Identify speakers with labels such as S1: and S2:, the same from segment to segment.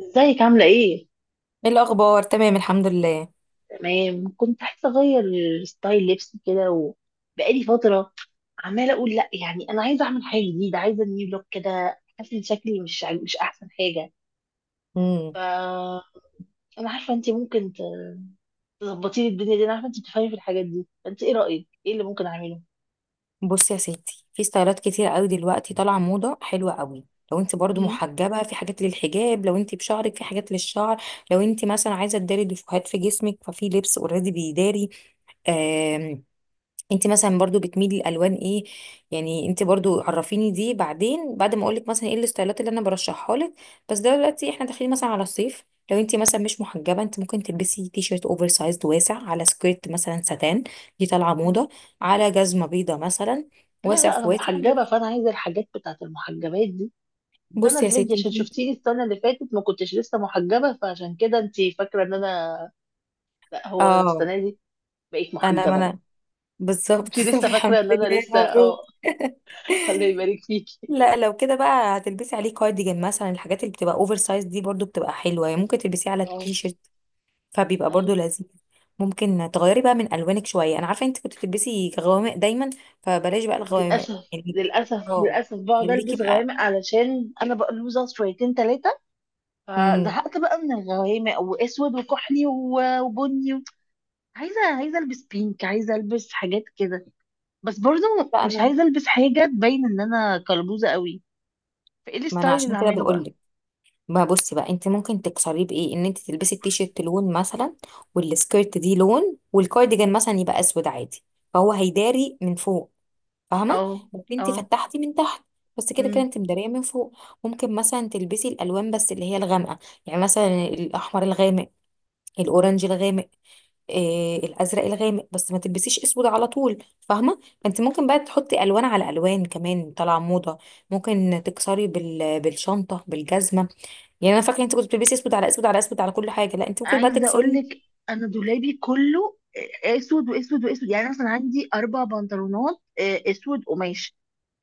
S1: ازيك عاملة ايه؟
S2: ايه الاخبار، تمام الحمد لله.
S1: تمام، كنت عايزة اغير ستايل لبسي كده، وبقالي فترة عمالة اقول لا. يعني انا عايزة اعمل حاجة جديدة، عايزة نيو لوك كده، حاسة ان شكلي مش احسن حاجة.
S2: امم.
S1: ف انا عارفة انت ممكن تظبطي لي الدنيا دي، انا عارفة انت بتفهمي في الحاجات دي، فانت ايه رأيك؟ ايه اللي ممكن اعمله؟
S2: بصي يا ستي، في ستايلات كتير قوي دلوقتي طالعه موضه حلوه قوي. لو انت برضو
S1: مم.
S2: محجبه، في حاجات للحجاب، لو انت بشعرك في حاجات للشعر. لو انت مثلا عايزه تداري دفوهات في جسمك ففي لبس اوريدي بيداري. انت مثلا برضو بتميلي لالوان ايه؟ يعني انت برضو عرفيني دي بعدين، بعد ما اقولك مثلا ايه الستايلات اللي انا برشحها لك. بس دلوقتي احنا داخلين مثلا على الصيف. لو انت مثلا مش محجبه، انت ممكن تلبسي تي شيرت اوفر سايزد واسع على سكيرت مثلا ساتان. دي طالعه
S1: مم.
S2: موضه، على جزمه بيضه مثلا.
S1: لا،
S2: واسع
S1: لا،
S2: في
S1: انا
S2: واسع.
S1: محجبة، فانا عايزة الحاجات بتاعت المحجبات دي. السنة
S2: بصي
S1: اللي
S2: يا
S1: فاتت
S2: ستي.
S1: عشان شفتيني السنة اللي فاتت ما كنتش لسه محجبة، فعشان كده انت فاكرة ان انا... لا، هو
S2: اه.
S1: السنة دي بقيت
S2: انا ما
S1: محجبة بقى.
S2: انا بالظبط.
S1: انت
S2: طب
S1: لسه
S2: الحمد
S1: فاكره ان انا
S2: لله،
S1: لسه، اه.
S2: مبروك.
S1: الله يبارك فيكي.
S2: لا، لو كده بقى هتلبسي عليه كارديجان مثلا، الحاجات اللي بتبقى اوفر سايز دي برضو بتبقى حلوه، يعني ممكن تلبسيه على
S1: اه.
S2: التيشيرت فبيبقى برضو
S1: ايوه.
S2: لذيذ. ممكن تغيري بقى من الوانك شويه، انا عارفه انت كنت بتلبسي غوامق دايما، فبلاش بقى الغوامق
S1: للاسف،
S2: يعني.
S1: للاسف،
S2: اه،
S1: للاسف بقعد
S2: خليكي
S1: البس
S2: بقى.
S1: غوامق علشان انا بقلوزه شويتين ثلاثه.
S2: امم.
S1: فزهقت بقى من الغوامق واسود وكحلي وبني و... عايزه عايزه البس بينك، عايزه البس حاجات كده. بس برضو
S2: لا،
S1: مش
S2: انا
S1: عايزه البس حاجه تبين ان انا كلبوزه قوي. فايه
S2: ما انا
S1: الستايل اللي
S2: عشان كده
S1: هعمله
S2: بقول
S1: بقى؟
S2: لك. ما بصي بقى، انت ممكن تكسريه بايه؟ ان انت تلبسي التيشيرت لون مثلا، والسكيرت دي لون، والكارديجان مثلا يبقى اسود عادي، فهو هيداري من فوق، فاهمه؟
S1: اه،
S2: ممكن انت
S1: اه،
S2: فتحتي من تحت، بس كده كده انت مداريه من فوق. ممكن مثلا تلبسي الالوان بس اللي هي الغامقه. يعني مثلا الاحمر الغامق، الاورنج الغامق، إيه، الازرق الغامق، بس ما تلبسيش اسود على طول، فاهمه؟ فانت ممكن بقى تحطي الوان على الوان، كمان طالعه موضه. ممكن تكسري بالشنطه، بالجزمه. يعني انا فاكره انت كنت بتلبسي اسود على اسود على اسود على كل حاجه، لا انت ممكن بقى
S1: عايزه اقول
S2: تكسري.
S1: لك انا دولابي كله اسود واسود واسود. يعني مثلا عندي اربع بنطلونات اسود قماش،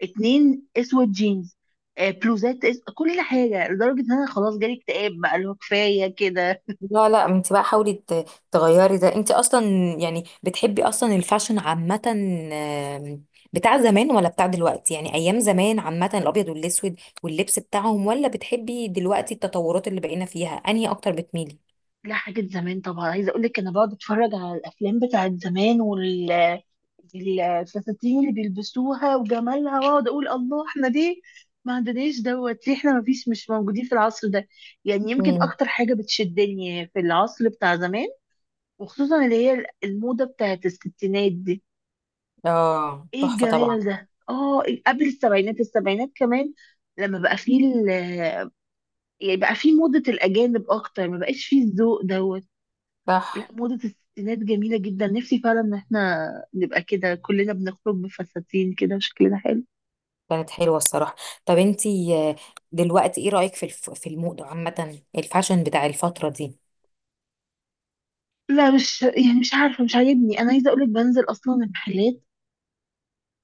S1: اتنين اسود جينز، بلوزات، كل حاجه، لدرجه ان انا خلاص جالي اكتئاب بقى، اللي هو كفايه كده.
S2: لا لا، انت بقى حاولي تغيري ده. انت اصلا يعني بتحبي اصلا الفاشن عامة؟ بتاع زمان ولا بتاع دلوقتي؟ يعني ايام زمان عامة الابيض والاسود واللبس بتاعهم، ولا بتحبي دلوقتي التطورات اللي بقينا فيها؟ انهي اكتر بتميلي؟
S1: لا، حاجة زمان طبعا. عايزة اقول لك انا بقعد اتفرج على الافلام بتاعت زمان الفساتين اللي بيلبسوها وجمالها، واقعد اقول الله، احنا ليه ما عندناش دوت؟ ليه احنا ما فيش، مش موجودين في العصر ده؟ يعني يمكن
S2: امم.
S1: اكتر حاجة بتشدني في العصر بتاع زمان، وخصوصا اللي هي الموضة بتاعت الستينات دي.
S2: اه،
S1: ايه
S2: تحفة طبعا.
S1: الجمال ده! اه، قبل السبعينات، السبعينات كمان، لما بقى فيه يعني بقى فيه موضة الأجانب أكتر، ما بقاش فيه الذوق دوت. لا،
S2: صح.
S1: موضة الستينات جميلة جدا، نفسي فعلا ان احنا نبقى كده كلنا، بنخرج بفساتين كده وشكلنا حلو.
S2: كانت حلوة الصراحة. طب انت، دلوقتي ايه رأيك في الموضة عامة، الفاشن بتاع الفترة دي؟
S1: لا، مش يعني، مش عارفة، مش عاجبني. انا عايزة اقولك بنزل اصلا المحلات،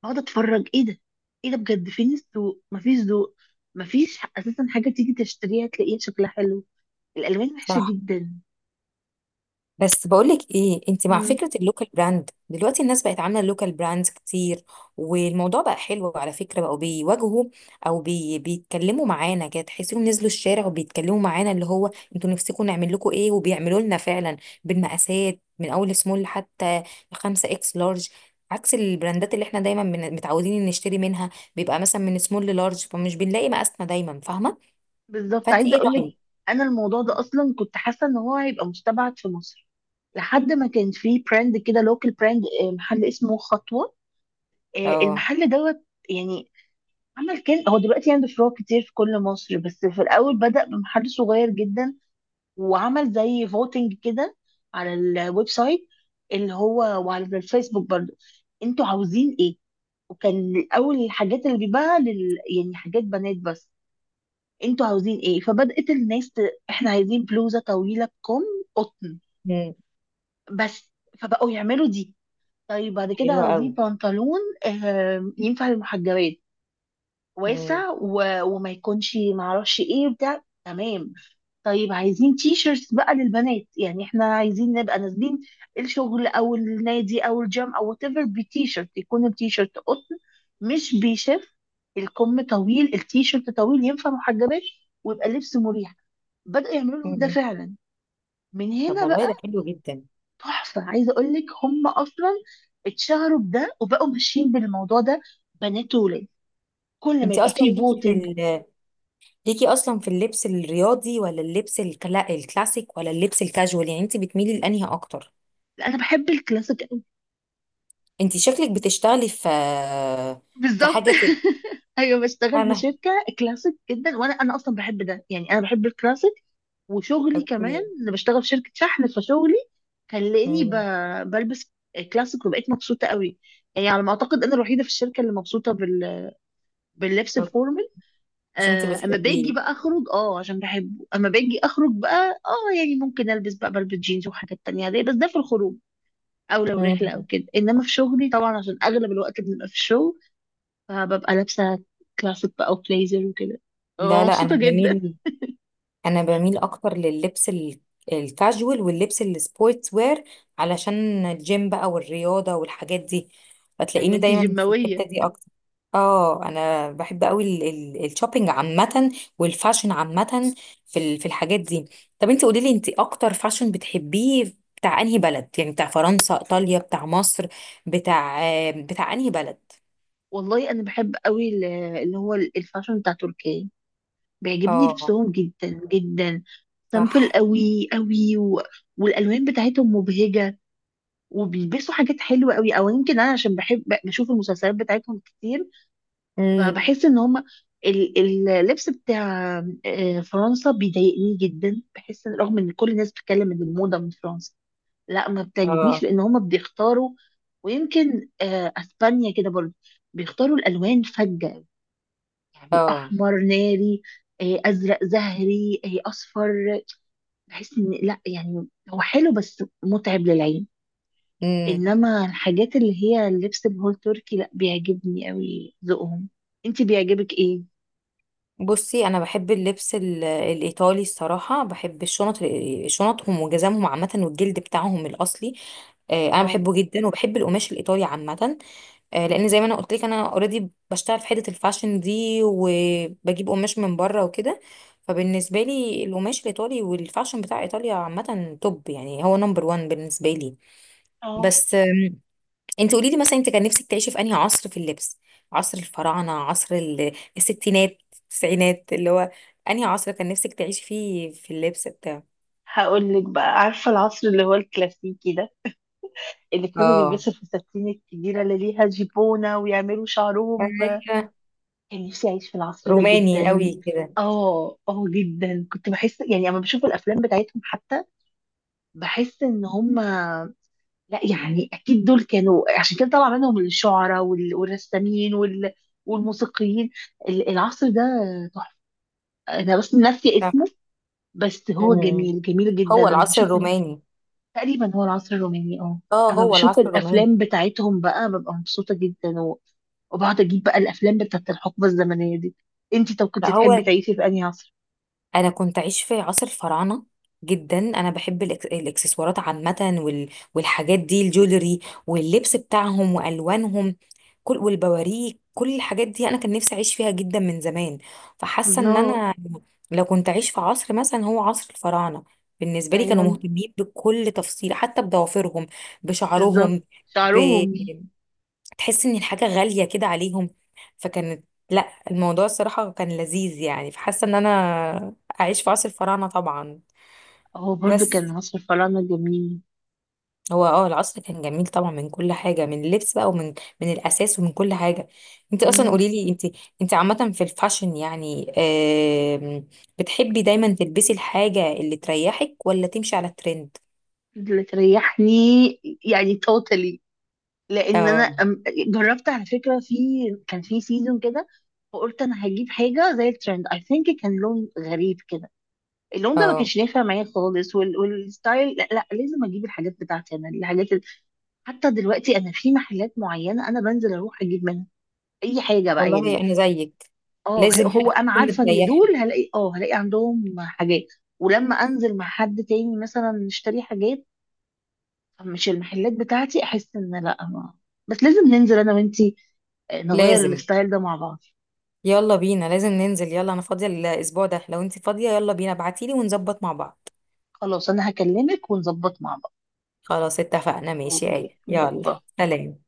S1: اقعد اتفرج ايه ده، ايه ده؟ بجد فين السوق؟ مفيش ذوق، مفيش اساسا حاجة تيجي تشتريها تلاقيها شكلها حلو، الالوان وحشة
S2: صح.
S1: جدا.
S2: بس بقولك ايه، انت مع
S1: امم.
S2: فكرة اللوكال براند؟ دلوقتي الناس بقت عاملة اللوكال براندز كتير، والموضوع بقى حلو على فكرة. بقوا بيواجهوا او بيتكلموا معانا كده، تحسيهم نزلوا الشارع وبيتكلموا معانا، اللي هو انتوا نفسكم نعمل لكم ايه؟ وبيعملوا لنا فعلا بالمقاسات، من اول سمول لحتى 5 اكس لارج، عكس البراندات اللي احنا دايما متعودين إن نشتري منها، بيبقى مثلا من سمول للارج، فمش بنلاقي مقاسنا دايما، فاهمة؟
S1: بالظبط،
S2: فانت
S1: عايزة
S2: ايه
S1: اقولك
S2: رأيك؟
S1: انا الموضوع ده اصلا كنت حاسة ان هو هيبقى مستبعد في مصر، لحد ما كان في براند كده، لوكال براند، محل اسمه خطوة.
S2: اه.
S1: المحل دوت يعني، عمل كل... هو دلوقتي عنده فروع كتير في كل مصر، بس في الاول بدأ بمحل صغير جدا، وعمل زي فوتنج كده على الويب سايت اللي هو، وعلى الفيسبوك برضو: انتوا عاوزين ايه؟ وكان اول الحاجات اللي بيبيعها يعني حاجات بنات بس. انتوا عاوزين ايه؟ فبدأت الناس احنا عايزين بلوزة طويلة بكم، قطن
S2: مم،
S1: بس. فبقوا يعملوا دي. طيب بعد كده
S2: حلوة
S1: عاوزين
S2: قوي.
S1: بنطلون، ينفع للمحجبات، واسع وما يكونش معرفش ايه بتاع، تمام. طيب عايزين تي شيرتس بقى للبنات، يعني احنا عايزين نبقى نازلين الشغل او النادي او الجيم او وات ايفر بتي شيرت، يكون التي شيرت قطن مش بيشف، الكم طويل، التي شيرت طويل، ينفع محجبات، ويبقى لبس مريح. بدأوا يعملوا لهم ده
S2: مم.
S1: فعلا. من
S2: طب
S1: هنا
S2: والله
S1: بقى.
S2: ده حلو جدا.
S1: تحفة، عايزة اقول لك هم اصلا اتشهروا بده، وبقوا ماشيين بالموضوع ده، بنات وولاد، كل ما
S2: انت
S1: يبقى
S2: اصلا
S1: فيه فوتنج.
S2: ليكي اصلا في اللبس الرياضي، ولا اللبس الكلاسيك، ولا اللبس الكاجوال؟ يعني انت بتميلي لانهي اكتر؟
S1: انا بحب الكلاسيك قوي.
S2: انت شكلك بتشتغلي في
S1: بالظبط.
S2: حاجه كده.
S1: ايوه، بشتغل في
S2: انا.
S1: شركه كلاسيك جدا، وانا اصلا بحب ده، يعني انا بحب الكلاسيك. وشغلي كمان،
S2: اوكي.
S1: انا بشتغل في شركه شحن، فشغلي خلاني
S2: مم.
S1: بلبس كلاسيك، وبقيت مبسوطه قوي. يعني على ما اعتقد انا الوحيده في الشركه اللي مبسوطه باللبس
S2: أوكي.
S1: الفورمال.
S2: عشان انت
S1: اما باجي
S2: بتحبيه.
S1: بقى اخرج، عشان بحبه. اما باجي اخرج بقى، يعني ممكن البس بقى بلبس جينز وحاجات تانية دي، بس ده في الخروج، او لو رحله
S2: مم.
S1: او كده. انما في شغلي طبعا، عشان اغلب الوقت بنبقى في الشغل، فببقى لابسة كلاسيك بقى وبليزر وكده، ببقى
S2: لا لا،
S1: مبسوطة جدا.
S2: انا بميل اكتر لللبس الكاجوال واللبس السبورتس وير، علشان الجيم بقى والرياضة والحاجات دي،
S1: ايوه
S2: فتلاقيني
S1: انتي
S2: دايما في الحتة
S1: جماوية.
S2: دي اكتر. اه، انا بحب قوي الشوبينج عامة، والفاشن عامة، في الحاجات دي. طب انت قولي لي، انت اكتر فاشن بتحبيه بتاع انهي بلد؟ يعني بتاع فرنسا، ايطاليا، بتاع مصر، بتاع بتاع انهي بلد؟
S1: والله انا بحب قوي اللي هو الفاشن بتاع تركيا، بيعجبني
S2: اه.
S1: لبسهم جدا جدا. سامبل
S2: صح.
S1: قوي قوي والالوان بتاعتهم مبهجة، وبيلبسوا حاجات حلوة قوي. او يمكن انا عشان بحب بشوف المسلسلات بتاعتهم كتير،
S2: امم.
S1: فبحس ان هما اللبس بتاع فرنسا بيضايقني جدا. بحس رغم ان كل الناس بتتكلم ان الموضة من فرنسا، لا، ما بتعجبنيش،
S2: اه.
S1: لان هما بيختاروا. ويمكن اسبانيا كده برضه، بيختاروا الالوان فجة، يعني
S2: اه.
S1: احمر ناري، ازرق زهري، اصفر. بحس ان لا، يعني هو حلو بس متعب للعين.
S2: امم.
S1: انما الحاجات اللي هي اللبس بهول تركي، لا، بيعجبني قوي ذوقهم. انت بيعجبك ايه؟
S2: بصي، انا بحب اللبس الايطالي الصراحه. بحب الشنط، شنطهم وجزامهم عامه، والجلد بتاعهم الاصلي. انا
S1: اه،
S2: بحبه جدا، وبحب القماش الايطالي عامه. لان زي ما انا قلت لك، انا اوريدي بشتغل في حته الفاشن دي، وبجيب قماش من بره وكده. فبالنسبه لي القماش الايطالي والفاشن بتاع ايطاليا عامه توب، يعني هو نمبر وان بالنسبه لي.
S1: اه،
S2: بس انت قولي لي مثلا، انت كان نفسك تعيشي في انهي عصر في اللبس؟ عصر الفراعنه؟ عصر الستينات؟ التسعينات؟ اللي هو انهي عصر كان نفسك تعيشي فيه في اللبس بتاعه؟
S1: هقول لك بقى. عارفه العصر اللي هو الكلاسيكي ده، اللي كانوا
S2: اه.
S1: بيلبسوا الفساتين الكبيره اللي ليها جيبونه ويعملوا شعرهم؟
S2: ايوه.
S1: كان نفسي اعيش في العصر ده
S2: روماني
S1: جدا.
S2: قوي كده.
S1: اه، اه، جدا. كنت بحس، يعني اما بشوف الافلام بتاعتهم حتى، بحس ان هم... لا، يعني اكيد دول كانوا، عشان كده طلع منهم الشعراء والرسامين والموسيقيين. العصر ده تحفه، انا بس ناسيه
S2: صح.
S1: اسمه، بس هو
S2: أمم.
S1: جميل جميل جدا
S2: هو
S1: لما
S2: العصر
S1: بشوف.
S2: الروماني.
S1: تقريبا هو العصر الروماني، اه
S2: اه،
S1: اما
S2: هو
S1: بشوف
S2: العصر الروماني.
S1: الافلام بتاعتهم بقى ببقى مبسوطه جدا وبقعد اجيب بقى الافلام بتاعت الحقبه الزمنيه دي. انتي طب كنت
S2: لا
S1: تحبي
S2: هو،
S1: تعيشي في انهي عصر؟
S2: انا كنت عايش في عصر الفراعنه جدا. انا بحب الاكسسوارات عامه، وال... والحاجات دي، الجولري واللبس بتاعهم والوانهم، كل والبواريك كل الحاجات دي، انا كان نفسي اعيش فيها جدا من زمان. فحاسه ان
S1: الله.
S2: انا لو كنت عايش في عصر مثلا، هو عصر الفراعنه. بالنسبه لي كانوا
S1: ايوه،
S2: مهتمين بكل تفصيله، حتى بضوافرهم،
S1: بالظبط،
S2: بشعرهم.
S1: شعرهم.
S2: تحس ان الحاجة غالية كده عليهم. فكانت لا، الموضوع الصراحة كان لذيذ يعني. فحاسة ان انا اعيش في عصر الفراعنة طبعا.
S1: هو برضو
S2: بس
S1: كان عصر الفراعنه جميل.
S2: هو، العصر كان جميل طبعا، من كل حاجة، من اللبس بقى، ومن الاساس، ومن كل حاجة. انت اصلا
S1: مم.
S2: قولي لي، انت عامة في الفاشن، يعني، آم، بتحبي دايما تلبسي الحاجة اللي تريحك، ولا تمشي على الترند؟
S1: اللي تريحني، يعني توتالي. لان
S2: اه.
S1: انا جربت على فكره في... كان في سيزون كده، وقلت انا هجيب حاجه زي الترند اي ثينك، كان لون غريب كده. اللون ده ما
S2: اه.
S1: كانش نافع معايا خالص، والستايل. لا, لا، لازم اجيب الحاجات بتاعتي انا، الحاجات حتى دلوقتي انا في محلات معينه انا بنزل اروح اجيب منها اي حاجه بقى
S2: والله
S1: يعني.
S2: انا زيك،
S1: اه،
S2: لازم
S1: هو
S2: حاجة
S1: انا
S2: تكون
S1: عارفه ان
S2: بتريحك.
S1: دول هلاقي عندهم حاجات. ولما انزل مع حد تاني مثلا نشتري حاجات مش المحلات بتاعتي، احس ان لا ما. بس لازم ننزل انا وانتي، نغير
S2: لازم.
S1: الستايل ده مع بعض.
S2: يلا بينا، لازم ننزل، يلا. انا فاضية الاسبوع ده، لو انت فاضية يلا بينا، ابعتيلي ونظبط مع بعض.
S1: خلاص، انا هكلمك ونظبط مع بعض.
S2: خلاص اتفقنا. ماشي يا
S1: اوكي،
S2: آية.
S1: باي
S2: يلا.
S1: باي.
S2: سلام.